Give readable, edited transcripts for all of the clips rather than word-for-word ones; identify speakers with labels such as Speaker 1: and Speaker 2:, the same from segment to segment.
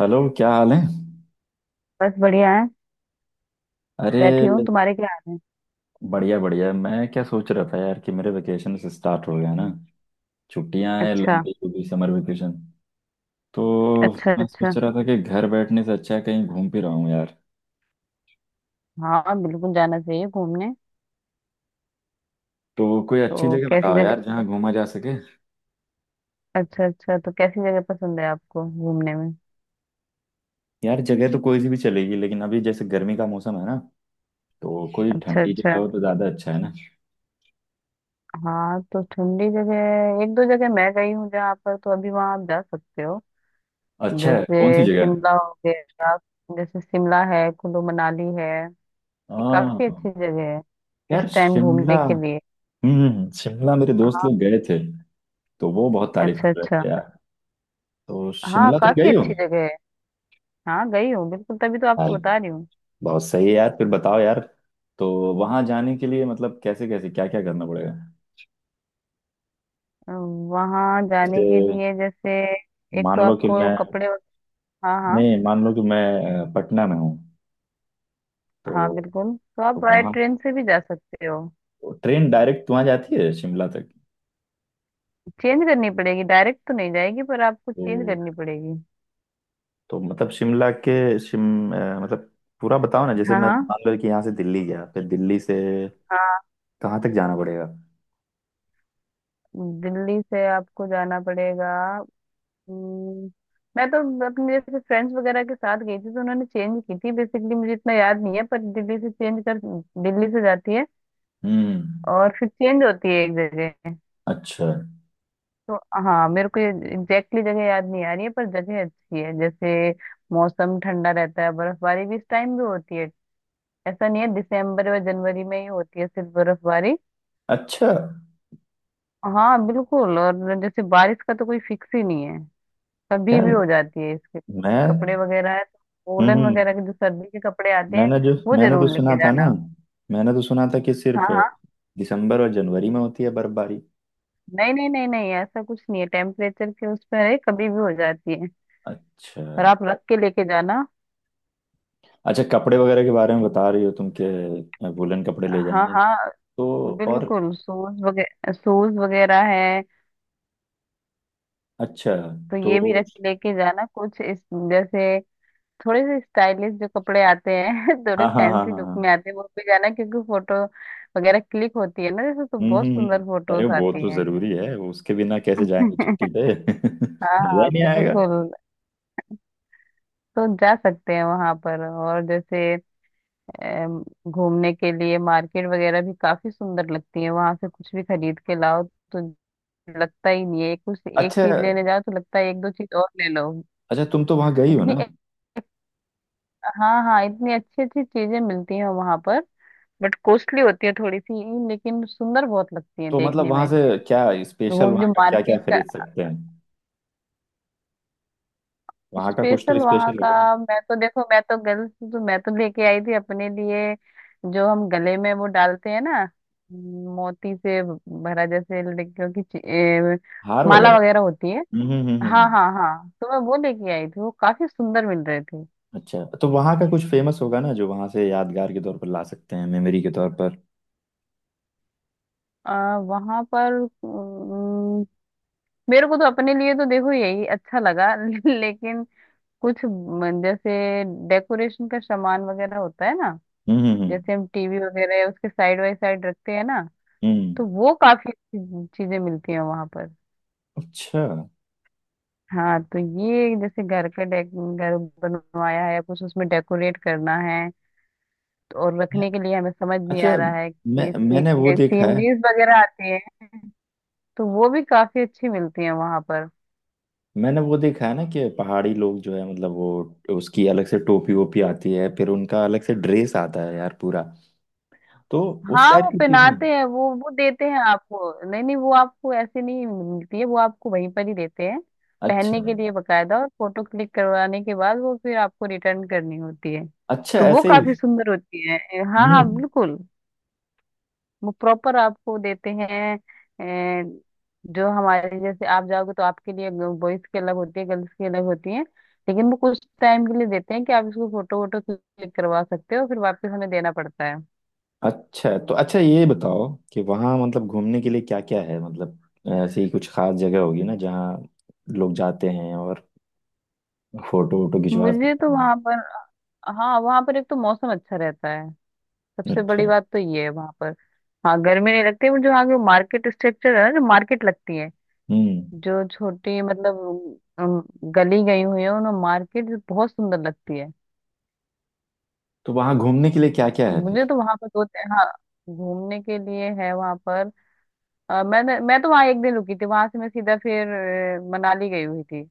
Speaker 1: Hello, क्या हाल है।
Speaker 2: बस बढ़िया है।
Speaker 1: अरे,
Speaker 2: बैठी हूँ, तुम्हारे क्या हाल है?
Speaker 1: बढ़िया बढ़िया। मैं क्या सोच रहा था यार कि मेरे वेकेशन स्टार्ट हो गया ना। छुट्टियां हैं,
Speaker 2: अच्छा,
Speaker 1: लंबी लंबी समर वेकेशन। तो
Speaker 2: अच्छा।
Speaker 1: मैं
Speaker 2: अच्छा।
Speaker 1: सोच रहा था कि घर बैठने से अच्छा है कहीं घूम फिर आऊं यार।
Speaker 2: हाँ, बिल्कुल जाना चाहिए घूमने।
Speaker 1: तो कोई अच्छी
Speaker 2: तो
Speaker 1: जगह
Speaker 2: कैसी
Speaker 1: बताओ यार, जहाँ
Speaker 2: जगह?
Speaker 1: घूमा जा सके।
Speaker 2: अच्छा, अच्छा। तो कैसी जगह पसंद है आपको घूमने में?
Speaker 1: यार, जगह तो कोई सी भी चलेगी, लेकिन अभी जैसे गर्मी का मौसम है ना, तो कोई
Speaker 2: अच्छा,
Speaker 1: ठंडी
Speaker 2: अच्छा।
Speaker 1: जगह हो तो ज्यादा अच्छा है ना।
Speaker 2: हाँ, तो ठंडी जगह एक दो जगह मैं गई हूँ जहाँ पर, तो अभी वहाँ आप जा सकते हो।
Speaker 1: अच्छा है, कौन सी
Speaker 2: जैसे
Speaker 1: जगह।
Speaker 2: शिमला हो गया। जैसे शिमला है, कुल्लू मनाली है। ये काफी
Speaker 1: हाँ।
Speaker 2: अच्छी जगह है
Speaker 1: यार,
Speaker 2: इस टाइम
Speaker 1: शिमला।
Speaker 2: घूमने के लिए।
Speaker 1: हम्म। शिमला मेरे दोस्त
Speaker 2: हाँ।
Speaker 1: लोग गए थे, तो वो बहुत तारीफ
Speaker 2: अच्छा,
Speaker 1: कर रहे
Speaker 2: अच्छा।
Speaker 1: थे। तो
Speaker 2: हाँ,
Speaker 1: शिमला तुम
Speaker 2: काफी
Speaker 1: गई हो।
Speaker 2: अच्छी जगह है। हाँ, गई हूँ बिल्कुल, तभी तो
Speaker 1: यार,
Speaker 2: आपको बता रही हूँ।
Speaker 1: बहुत सही है यार। फिर बताओ यार। तो वहां जाने के लिए मतलब कैसे कैसे क्या क्या करना पड़ेगा।
Speaker 2: वहां जाने के
Speaker 1: जैसे
Speaker 2: लिए, जैसे एक
Speaker 1: मान
Speaker 2: तो
Speaker 1: लो कि
Speaker 2: आपको
Speaker 1: मैं,
Speaker 2: कपड़े। हाँ, हाँ।
Speaker 1: नहीं मान लो कि मैं पटना में हूँ। तो
Speaker 2: हाँ, बिल्कुल, तो आप बाय
Speaker 1: वहाँ
Speaker 2: ट्रेन से भी जा सकते हो।
Speaker 1: ट्रेन डायरेक्ट वहाँ जाती है शिमला तक।
Speaker 2: चेंज करनी पड़ेगी, डायरेक्ट तो नहीं जाएगी, पर आपको
Speaker 1: तो
Speaker 2: चेंज करनी पड़ेगी।
Speaker 1: तो मतलब शिमला के मतलब पूरा बताओ ना। जैसे
Speaker 2: हाँ,
Speaker 1: मैं
Speaker 2: हाँ।
Speaker 1: मान लो कि यहाँ से दिल्ली गया, फिर दिल्ली से
Speaker 2: हाँ।
Speaker 1: कहाँ तक जाना पड़ेगा।
Speaker 2: दिल्ली से आपको जाना पड़ेगा। हम्म, मैं तो अपने जैसे फ्रेंड्स वगैरह के साथ गई थी, तो उन्होंने चेंज की थी। बेसिकली मुझे इतना याद नहीं है, पर दिल्ली से चेंज कर। दिल्ली से जाती है,
Speaker 1: हम्म।
Speaker 2: और फिर चेंज होती है एक जगह।
Speaker 1: अच्छा
Speaker 2: तो हाँ, मेरे को एग्जैक्टली जगह याद नहीं आ रही है, पर जगह अच्छी है। जैसे मौसम ठंडा रहता है, बर्फबारी भी इस टाइम भी होती है। ऐसा नहीं है दिसंबर और जनवरी में ही होती है सिर्फ बर्फबारी।
Speaker 1: अच्छा।
Speaker 2: हाँ, बिल्कुल। और जैसे बारिश का तो कोई फिक्स ही नहीं है, कभी
Speaker 1: यार
Speaker 2: भी हो जाती है। इसके तो कपड़े
Speaker 1: मैं,
Speaker 2: वगैरह है, तो वोलन वगैरह
Speaker 1: हम्म।
Speaker 2: के जो सर्दी के कपड़े आते हैं वो
Speaker 1: मैंने तो
Speaker 2: जरूर
Speaker 1: सुना
Speaker 2: लेके
Speaker 1: था ना।
Speaker 2: जाना।
Speaker 1: मैंने तो सुना था कि
Speaker 2: हाँ,
Speaker 1: सिर्फ
Speaker 2: हाँ।
Speaker 1: दिसंबर और जनवरी में होती है बर्फबारी।
Speaker 2: नहीं, नहीं, नहीं, नहीं, ऐसा कुछ नहीं है, टेम्परेचर के उस पर है, कभी भी हो जाती है।
Speaker 1: अच्छा।
Speaker 2: और आप रख के लेके जाना।
Speaker 1: अच्छा, कपड़े वगैरह के बारे में बता रही हो तुम, के वुलन कपड़े ले
Speaker 2: हाँ,
Speaker 1: जाएंगे।
Speaker 2: हाँ,
Speaker 1: तो और
Speaker 2: बिल्कुल। सूज वगैरह, सूज वगैरह है।
Speaker 1: अच्छा।
Speaker 2: तो
Speaker 1: तो
Speaker 2: ये भी रख लेके जाना कुछ इस। जैसे थोड़े से स्टाइलिश जो कपड़े आते हैं थोड़े
Speaker 1: हाँ हाँ हाँ
Speaker 2: फैंसी
Speaker 1: हाँ
Speaker 2: लुक में
Speaker 1: हाँ।
Speaker 2: आते हैं, वो भी जाना क्योंकि फोटो वगैरह क्लिक होती है ना। जैसे तो बहुत सुंदर
Speaker 1: अरे,
Speaker 2: फोटोज
Speaker 1: वो
Speaker 2: आती
Speaker 1: तो
Speaker 2: हैं।
Speaker 1: जरूरी है, उसके बिना कैसे जाएंगे छुट्टी पे
Speaker 2: हाँ,
Speaker 1: मजा
Speaker 2: हाँ,
Speaker 1: ही नहीं आएगा।
Speaker 2: बिल्कुल। तो जा सकते हैं वहां पर। और जैसे अम, घूमने के लिए मार्केट वगैरह भी काफी सुंदर लगती है, वहां से कुछ भी खरीद के लाओ तो लगता ही नहीं है। एक कुछ एक
Speaker 1: अच्छा।
Speaker 2: चीज लेने जाओ तो लगता है एक दो चीज और ले लो।
Speaker 1: अच्छा, तुम तो वहां गई हो
Speaker 2: इतनी।
Speaker 1: ना।
Speaker 2: हाँ, हाँ, इतनी अच्छी अच्छी चीजें मिलती हैं वहां पर। बट कॉस्टली होती है थोड़ी सी, लेकिन सुंदर बहुत लगती है
Speaker 1: तो मतलब
Speaker 2: देखने
Speaker 1: वहां
Speaker 2: में।
Speaker 1: से क्या स्पेशल,
Speaker 2: वो
Speaker 1: वहां
Speaker 2: जो
Speaker 1: का क्या क्या
Speaker 2: मार्केट का।
Speaker 1: खरीद सकते हैं। वहां का कुछ
Speaker 2: स्पेशल
Speaker 1: तो
Speaker 2: वहाँ
Speaker 1: स्पेशल होगा ना।
Speaker 2: का। मैं तो देखो, मैं तो गर्ल्स, तो मैं तो लेके आई थी अपने लिए जो हम गले में वो डालते हैं ना। मोती से भरा, जैसे लड़कियों की
Speaker 1: हार वगैरह।
Speaker 2: माला वगैरह होती है। हाँ,
Speaker 1: हम्म।
Speaker 2: हाँ, हाँ, तो मैं वो लेके आई थी, वो काफी सुंदर मिल रहे थे।
Speaker 1: अच्छा, तो वहाँ का कुछ फेमस होगा ना जो वहाँ से यादगार के तौर पर ला सकते हैं, मेमोरी के तौर पर।
Speaker 2: वहां पर मेरे को तो अपने लिए तो देखो यही अच्छा लगा, लेकिन कुछ जैसे डेकोरेशन का सामान वगैरह होता है ना।
Speaker 1: हम्म हम्म हम्म
Speaker 2: जैसे हम टीवी वगैरह है, उसके साइड बाय साइड रखते हैं ना।
Speaker 1: हम्म।
Speaker 2: तो वो काफी अच्छी चीजें मिलती हैं वहां पर।
Speaker 1: अच्छा।
Speaker 2: हाँ, तो ये जैसे घर का डेक घर बनवाया है, कुछ उसमें डेकोरेट करना है, तो और रखने के लिए हमें समझ नहीं
Speaker 1: अच्छा,
Speaker 2: आ रहा है
Speaker 1: मैं
Speaker 2: कि
Speaker 1: मैंने वो देखा है।
Speaker 2: सीनरीज वगैरह आती है, तो वो भी काफी अच्छी मिलती है वहां पर।
Speaker 1: मैंने वो देखा है ना कि पहाड़ी लोग जो है मतलब वो, उसकी अलग से टोपी वोपी आती है, फिर उनका अलग से ड्रेस आता है यार पूरा। तो उस
Speaker 2: हाँ
Speaker 1: टाइप
Speaker 2: वो
Speaker 1: की चीजें।
Speaker 2: पहनाते हैं, वो देते हैं आपको। नहीं, नहीं, वो आपको ऐसे नहीं मिलती है, वो आपको वहीं पर ही देते हैं पहनने
Speaker 1: अच्छा।
Speaker 2: के लिए बकायदा, और फोटो क्लिक करवाने के बाद वो फिर आपको रिटर्न करनी होती है।
Speaker 1: अच्छा,
Speaker 2: तो वो
Speaker 1: ऐसे ही।
Speaker 2: काफी सुंदर होती है। हाँ, हाँ,
Speaker 1: हम्म।
Speaker 2: बिल्कुल। वो प्रॉपर आपको देते हैं। ए, जो हमारे जैसे आप जाओगे तो आपके लिए बॉयज की अलग होती है, गर्ल्स की अलग होती है। लेकिन वो कुछ टाइम के लिए देते हैं कि आप इसको फोटो वोटो क्लिक करवा सकते हो, फिर वापस हमें देना पड़ता है।
Speaker 1: अच्छा, तो अच्छा ये बताओ कि वहाँ मतलब घूमने के लिए क्या क्या है, मतलब ऐसी कुछ खास जगह होगी ना जहाँ लोग जाते हैं और फोटो वोटो खिंचवा
Speaker 2: मुझे तो
Speaker 1: सकते हैं।
Speaker 2: वहां पर, हाँ वहां पर एक तो मौसम अच्छा रहता है, सबसे बड़ी
Speaker 1: अच्छा।
Speaker 2: बात तो ये है वहां पर। हाँ, गर्मी नहीं लगती, बट जो आगे मार्केट स्ट्रक्चर है ना, जो मार्केट लगती है
Speaker 1: हम्म,
Speaker 2: जो छोटी, मतलब अम, गली गई हुई है, उन्हें मार्केट जो बहुत सुंदर लगती है।
Speaker 1: तो वहाँ घूमने के लिए क्या क्या
Speaker 2: तो
Speaker 1: है
Speaker 2: मुझे
Speaker 1: फिर।
Speaker 2: तो वहां पर दो, हाँ घूमने के लिए है वहां पर। मैं तो वहां एक दिन रुकी थी, वहां से मैं सीधा फिर मनाली गई हुई थी।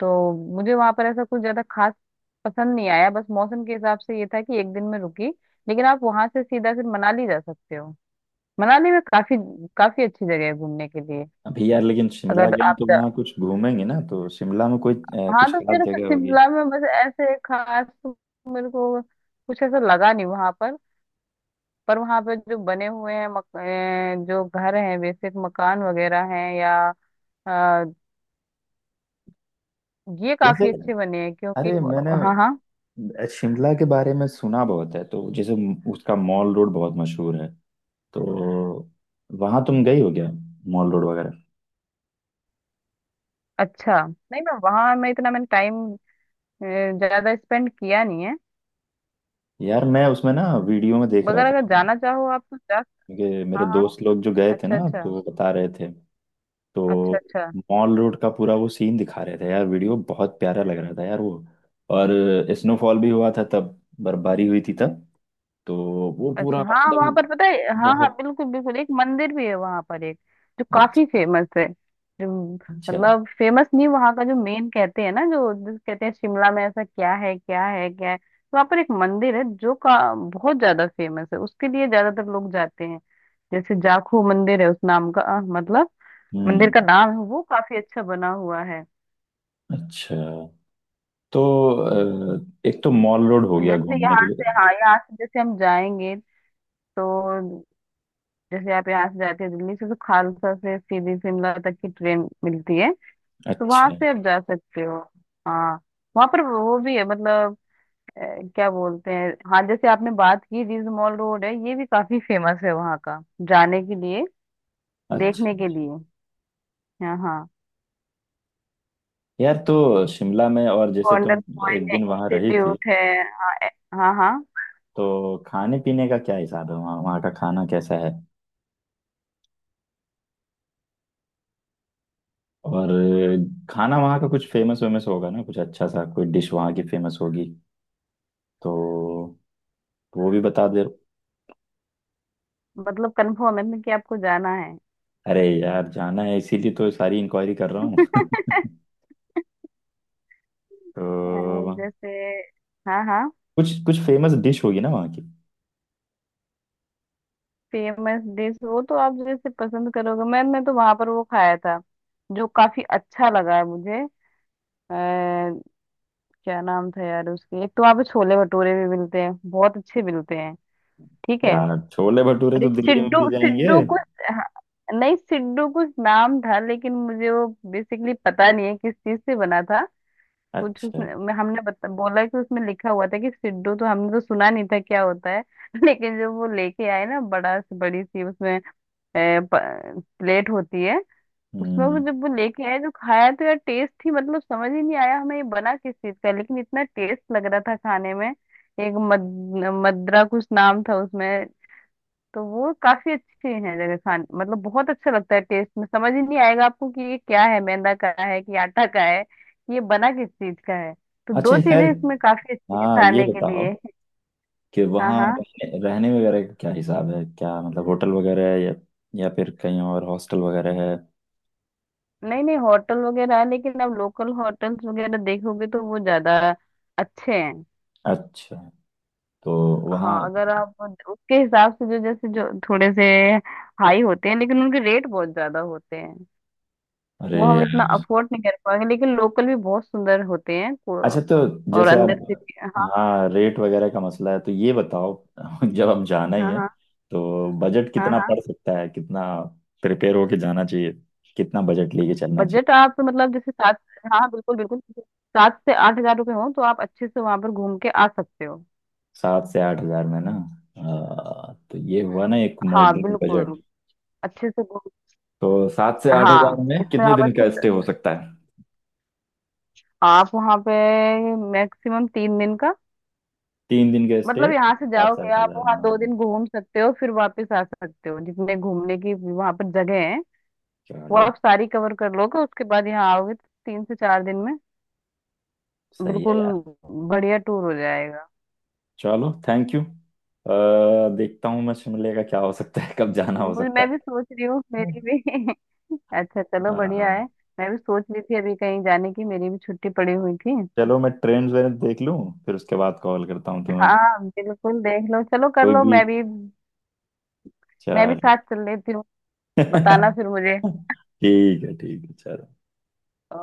Speaker 2: तो मुझे वहां पर ऐसा कुछ ज्यादा खास पसंद नहीं आया, बस मौसम के हिसाब से ये था कि एक दिन में रुकी। लेकिन आप वहां से सीधा फिर मनाली जा सकते हो। मनाली में काफी, काफी अच्छी जगह है घूमने के लिए।
Speaker 1: अभी यार, लेकिन शिमला
Speaker 2: अगर
Speaker 1: गए
Speaker 2: आप
Speaker 1: तो वहाँ कुछ घूमेंगे ना, तो शिमला में कोई
Speaker 2: हाँ,
Speaker 1: कुछ
Speaker 2: तो
Speaker 1: खास
Speaker 2: मेरे को
Speaker 1: जगह होगी
Speaker 2: शिमला में बस ऐसे खास तो मेरे को कुछ ऐसा लगा नहीं वहां पर। पर वहां पर जो बने हुए हैं जो घर हैं, बेसिक मकान वगैरह हैं, या अ, ये
Speaker 1: जैसे।
Speaker 2: काफी अच्छे बने हैं क्योंकि
Speaker 1: अरे मैंने
Speaker 2: व- हाँ, हाँ।
Speaker 1: शिमला के बारे में सुना बहुत है, तो जैसे उसका मॉल रोड बहुत मशहूर है। तो वहाँ तुम गई हो क्या, मॉल रोड वगैरह।
Speaker 2: अच्छा नहीं, मैं वहां, मैं इतना मैंने टाइम ज्यादा स्पेंड किया नहीं है।
Speaker 1: यार, मैं उसमें ना वीडियो में देख रहा
Speaker 2: मगर
Speaker 1: था,
Speaker 2: अगर जाना चाहो आप तो जा।
Speaker 1: क्योंकि मेरे
Speaker 2: हाँ, हाँ।
Speaker 1: दोस्त लोग जो गए थे ना,
Speaker 2: अच्छा, अच्छा।
Speaker 1: तो वो बता रहे थे। तो
Speaker 2: अच्छा, अच्छा।
Speaker 1: मॉल रोड का पूरा वो सीन दिखा रहे थे यार, वीडियो बहुत प्यारा लग रहा था यार वो। और स्नोफॉल भी हुआ था तब, बर्फबारी हुई थी तब, तो वो पूरा
Speaker 2: अच्छा। हाँ वहां
Speaker 1: एकदम
Speaker 2: पर पता है, हाँ हाँ
Speaker 1: बहुत
Speaker 2: बिल्कुल बिल्कुल, एक मंदिर भी है वहां पर एक जो काफी
Speaker 1: अच्छा।
Speaker 2: फेमस है। जो
Speaker 1: अच्छा।
Speaker 2: मतलब फेमस नहीं, वहां का जो मेन कहते हैं ना, जो जिस कहते हैं शिमला में ऐसा क्या है, क्या है, क्या है, तो वहां पर एक मंदिर है जो का बहुत ज्यादा फेमस है, उसके लिए ज्यादातर लोग जाते हैं। जैसे जाखू मंदिर है उस नाम का, मतलब मंदिर
Speaker 1: हम्म।
Speaker 2: का नाम है, वो काफी अच्छा बना हुआ है।
Speaker 1: अच्छा, तो एक तो मॉल रोड हो गया
Speaker 2: जैसे
Speaker 1: घूमने के
Speaker 2: यहाँ
Speaker 1: लिए।
Speaker 2: से, हाँ यहाँ से जैसे हम जाएंगे, तो जैसे आप यहाँ से जाते हो दिल्ली से तो खालसा से सीधी शिमला तक की ट्रेन मिलती है। तो वहां
Speaker 1: अच्छा।
Speaker 2: से आप जा सकते हो। हाँ, वहां पर वो भी है, मतलब अ, क्या बोलते हैं। हाँ, जैसे आपने बात की, रिज मॉल रोड है, ये भी काफी फेमस है वहाँ का जाने के लिए, देखने के
Speaker 1: अच्छा,
Speaker 2: लिए। हाँ, हाँ।
Speaker 1: यार तो शिमला में और जैसे तुम
Speaker 2: गोल्डन
Speaker 1: एक
Speaker 2: पॉइंट है,
Speaker 1: दिन वहां रही थी,
Speaker 2: इंस्टीट्यूट है। हाँ, हाँ।
Speaker 1: तो खाने पीने का क्या हिसाब है वहाँ वहाँ का खाना कैसा है। और खाना वहाँ का कुछ फेमस वेमस होगा ना, कुछ अच्छा सा कोई डिश वहाँ की फेमस होगी, तो वो भी बता दे।
Speaker 2: मतलब कंफर्म है ना कि आपको जाना है?
Speaker 1: अरे यार, जाना है इसीलिए तो सारी इंक्वायरी कर रहा हूँ तो
Speaker 2: अ, जैसे, हाँ, हाँ।
Speaker 1: कुछ कुछ फेमस डिश होगी ना वहाँ की।
Speaker 2: फेमस डिश वो तो आप जैसे पसंद करोगे मैम, मैं तो वहां पर वो खाया था जो काफी अच्छा लगा है मुझे। आ, क्या नाम था यार उसकी, एक तो वहाँ पे छोले भटूरे भी मिलते हैं, बहुत अच्छे मिलते हैं। ठीक है।
Speaker 1: यार, छोले भटूरे
Speaker 2: और
Speaker 1: तो
Speaker 2: एक
Speaker 1: दिल्ली में
Speaker 2: सिड्डू,
Speaker 1: मिल जाएंगे।
Speaker 2: सिड्डू कुछ, हाँ, नहीं सिड्डू कुछ नाम था, लेकिन मुझे वो बेसिकली पता नहीं है किस चीज से बना था। कुछ
Speaker 1: अच्छा।
Speaker 2: उसमें हमने बोला कि उसमें लिखा हुआ था कि सिड्डू, तो हमने तो सुना नहीं था क्या होता है लेकिन जब वो लेके आए ना, बड़ा से बड़ी सी उसमें प्लेट होती है। उसमें वो
Speaker 1: हम्म।
Speaker 2: जब वो लेके आए जो खाया, तो यार टेस्ट ही मतलब समझ ही नहीं आया हमें ये बना किस चीज का, लेकिन इतना टेस्ट लग रहा था खाने में, एक मद्रा कुछ नाम था उसमें। तो वो काफी अच्छी है जगह, खान मतलब बहुत अच्छा लगता है टेस्ट में, समझ ही नहीं आएगा आपको कि ये क्या है, मैदा का है कि आटा का है, ये बना किस चीज का है। तो दो
Speaker 1: अच्छा खैर,
Speaker 2: चीजें इसमें काफी अच्छी है
Speaker 1: हाँ ये
Speaker 2: खाने के
Speaker 1: बताओ
Speaker 2: लिए।
Speaker 1: कि
Speaker 2: हाँ,
Speaker 1: वहाँ
Speaker 2: हाँ।
Speaker 1: रहने वगैरह का क्या हिसाब है, क्या मतलब होटल वगैरह है या फिर कहीं और हॉस्टल वगैरह है।
Speaker 2: नहीं, नहीं, होटल वगैरह है, लेकिन आप लोकल होटल्स वगैरह देखोगे तो वो ज्यादा अच्छे हैं।
Speaker 1: अच्छा, तो वहाँ,
Speaker 2: हाँ, अगर आप उसके हिसाब से जो जैसे जो थोड़े से हाई होते हैं, लेकिन उनके रेट बहुत ज्यादा होते हैं।
Speaker 1: अरे
Speaker 2: वो हम इतना
Speaker 1: यार।
Speaker 2: अफोर्ड नहीं कर पाएंगे, लेकिन लोकल भी बहुत सुंदर होते हैं
Speaker 1: अच्छा, तो
Speaker 2: और
Speaker 1: जैसे आप,
Speaker 2: अंदर से भी। हाँ,
Speaker 1: हाँ रेट वगैरह का मसला है तो ये बताओ। जब हम जाना
Speaker 2: हाँ,
Speaker 1: ही
Speaker 2: हाँ,
Speaker 1: है,
Speaker 2: हाँ,
Speaker 1: तो बजट
Speaker 2: हाँ,
Speaker 1: कितना
Speaker 2: हाँ।
Speaker 1: पड़ सकता है, कितना प्रिपेयर होके जाना चाहिए, कितना बजट लेके चलना चाहिए।
Speaker 2: बजट आप मतलब जैसे सात, हाँ बिल्कुल बिल्कुल, 7 से 8 हज़ार रुपये हो तो आप अच्छे से वहां पर घूम के आ सकते हो।
Speaker 1: 7 से 8 हज़ार में ना। तो ये हुआ ना एक
Speaker 2: हाँ,
Speaker 1: मॉडरेट बजट।
Speaker 2: बिल्कुल। अच्छे से घूम।
Speaker 1: तो 7 से 8 हज़ार
Speaker 2: हाँ,
Speaker 1: में
Speaker 2: इसमें
Speaker 1: कितने
Speaker 2: आप
Speaker 1: दिन का
Speaker 2: अच्छे से,
Speaker 1: स्टे हो सकता है।
Speaker 2: आप वहां पे मैक्सिमम 3 दिन का।
Speaker 1: 3 दिन का स्टे,
Speaker 2: मतलब यहाँ से
Speaker 1: सात से
Speaker 2: जाओगे
Speaker 1: आठ
Speaker 2: आप
Speaker 1: हजार
Speaker 2: वहाँ दो
Speaker 1: ना।
Speaker 2: दिन घूम सकते हो, फिर वापस आ सकते हो, जितने घूमने की वहां पर जगह है वो
Speaker 1: चलो।
Speaker 2: आप सारी कवर कर लोगे, उसके बाद यहाँ आओगे तो 3 से 4 दिन में।
Speaker 1: सही है
Speaker 2: बिल्कुल,
Speaker 1: यार।
Speaker 2: बढ़िया टूर हो जाएगा।
Speaker 1: चलो, थैंक यू। देखता हूँ मैं शिमले का क्या हो सकता है, कब जाना हो
Speaker 2: मुझे,
Speaker 1: सकता
Speaker 2: मैं भी सोच रही हूँ,
Speaker 1: है।
Speaker 2: मेरी भी। अच्छा
Speaker 1: अ,
Speaker 2: चलो बढ़िया है। मैं भी सोच रही थी अभी कहीं जाने की, मेरी भी छुट्टी पड़ी हुई थी।
Speaker 1: चलो, मैं ट्रेन वेन देख लूँ, फिर उसके बाद कॉल करता हूँ तुम्हें।
Speaker 2: हाँ, बिल्कुल, देख लो, चलो कर
Speaker 1: कोई
Speaker 2: लो,
Speaker 1: भी।
Speaker 2: मैं भी, मैं भी
Speaker 1: चलो।
Speaker 2: साथ चल लेती हूँ। बताना फिर मुझे।
Speaker 1: ठीक है चलो।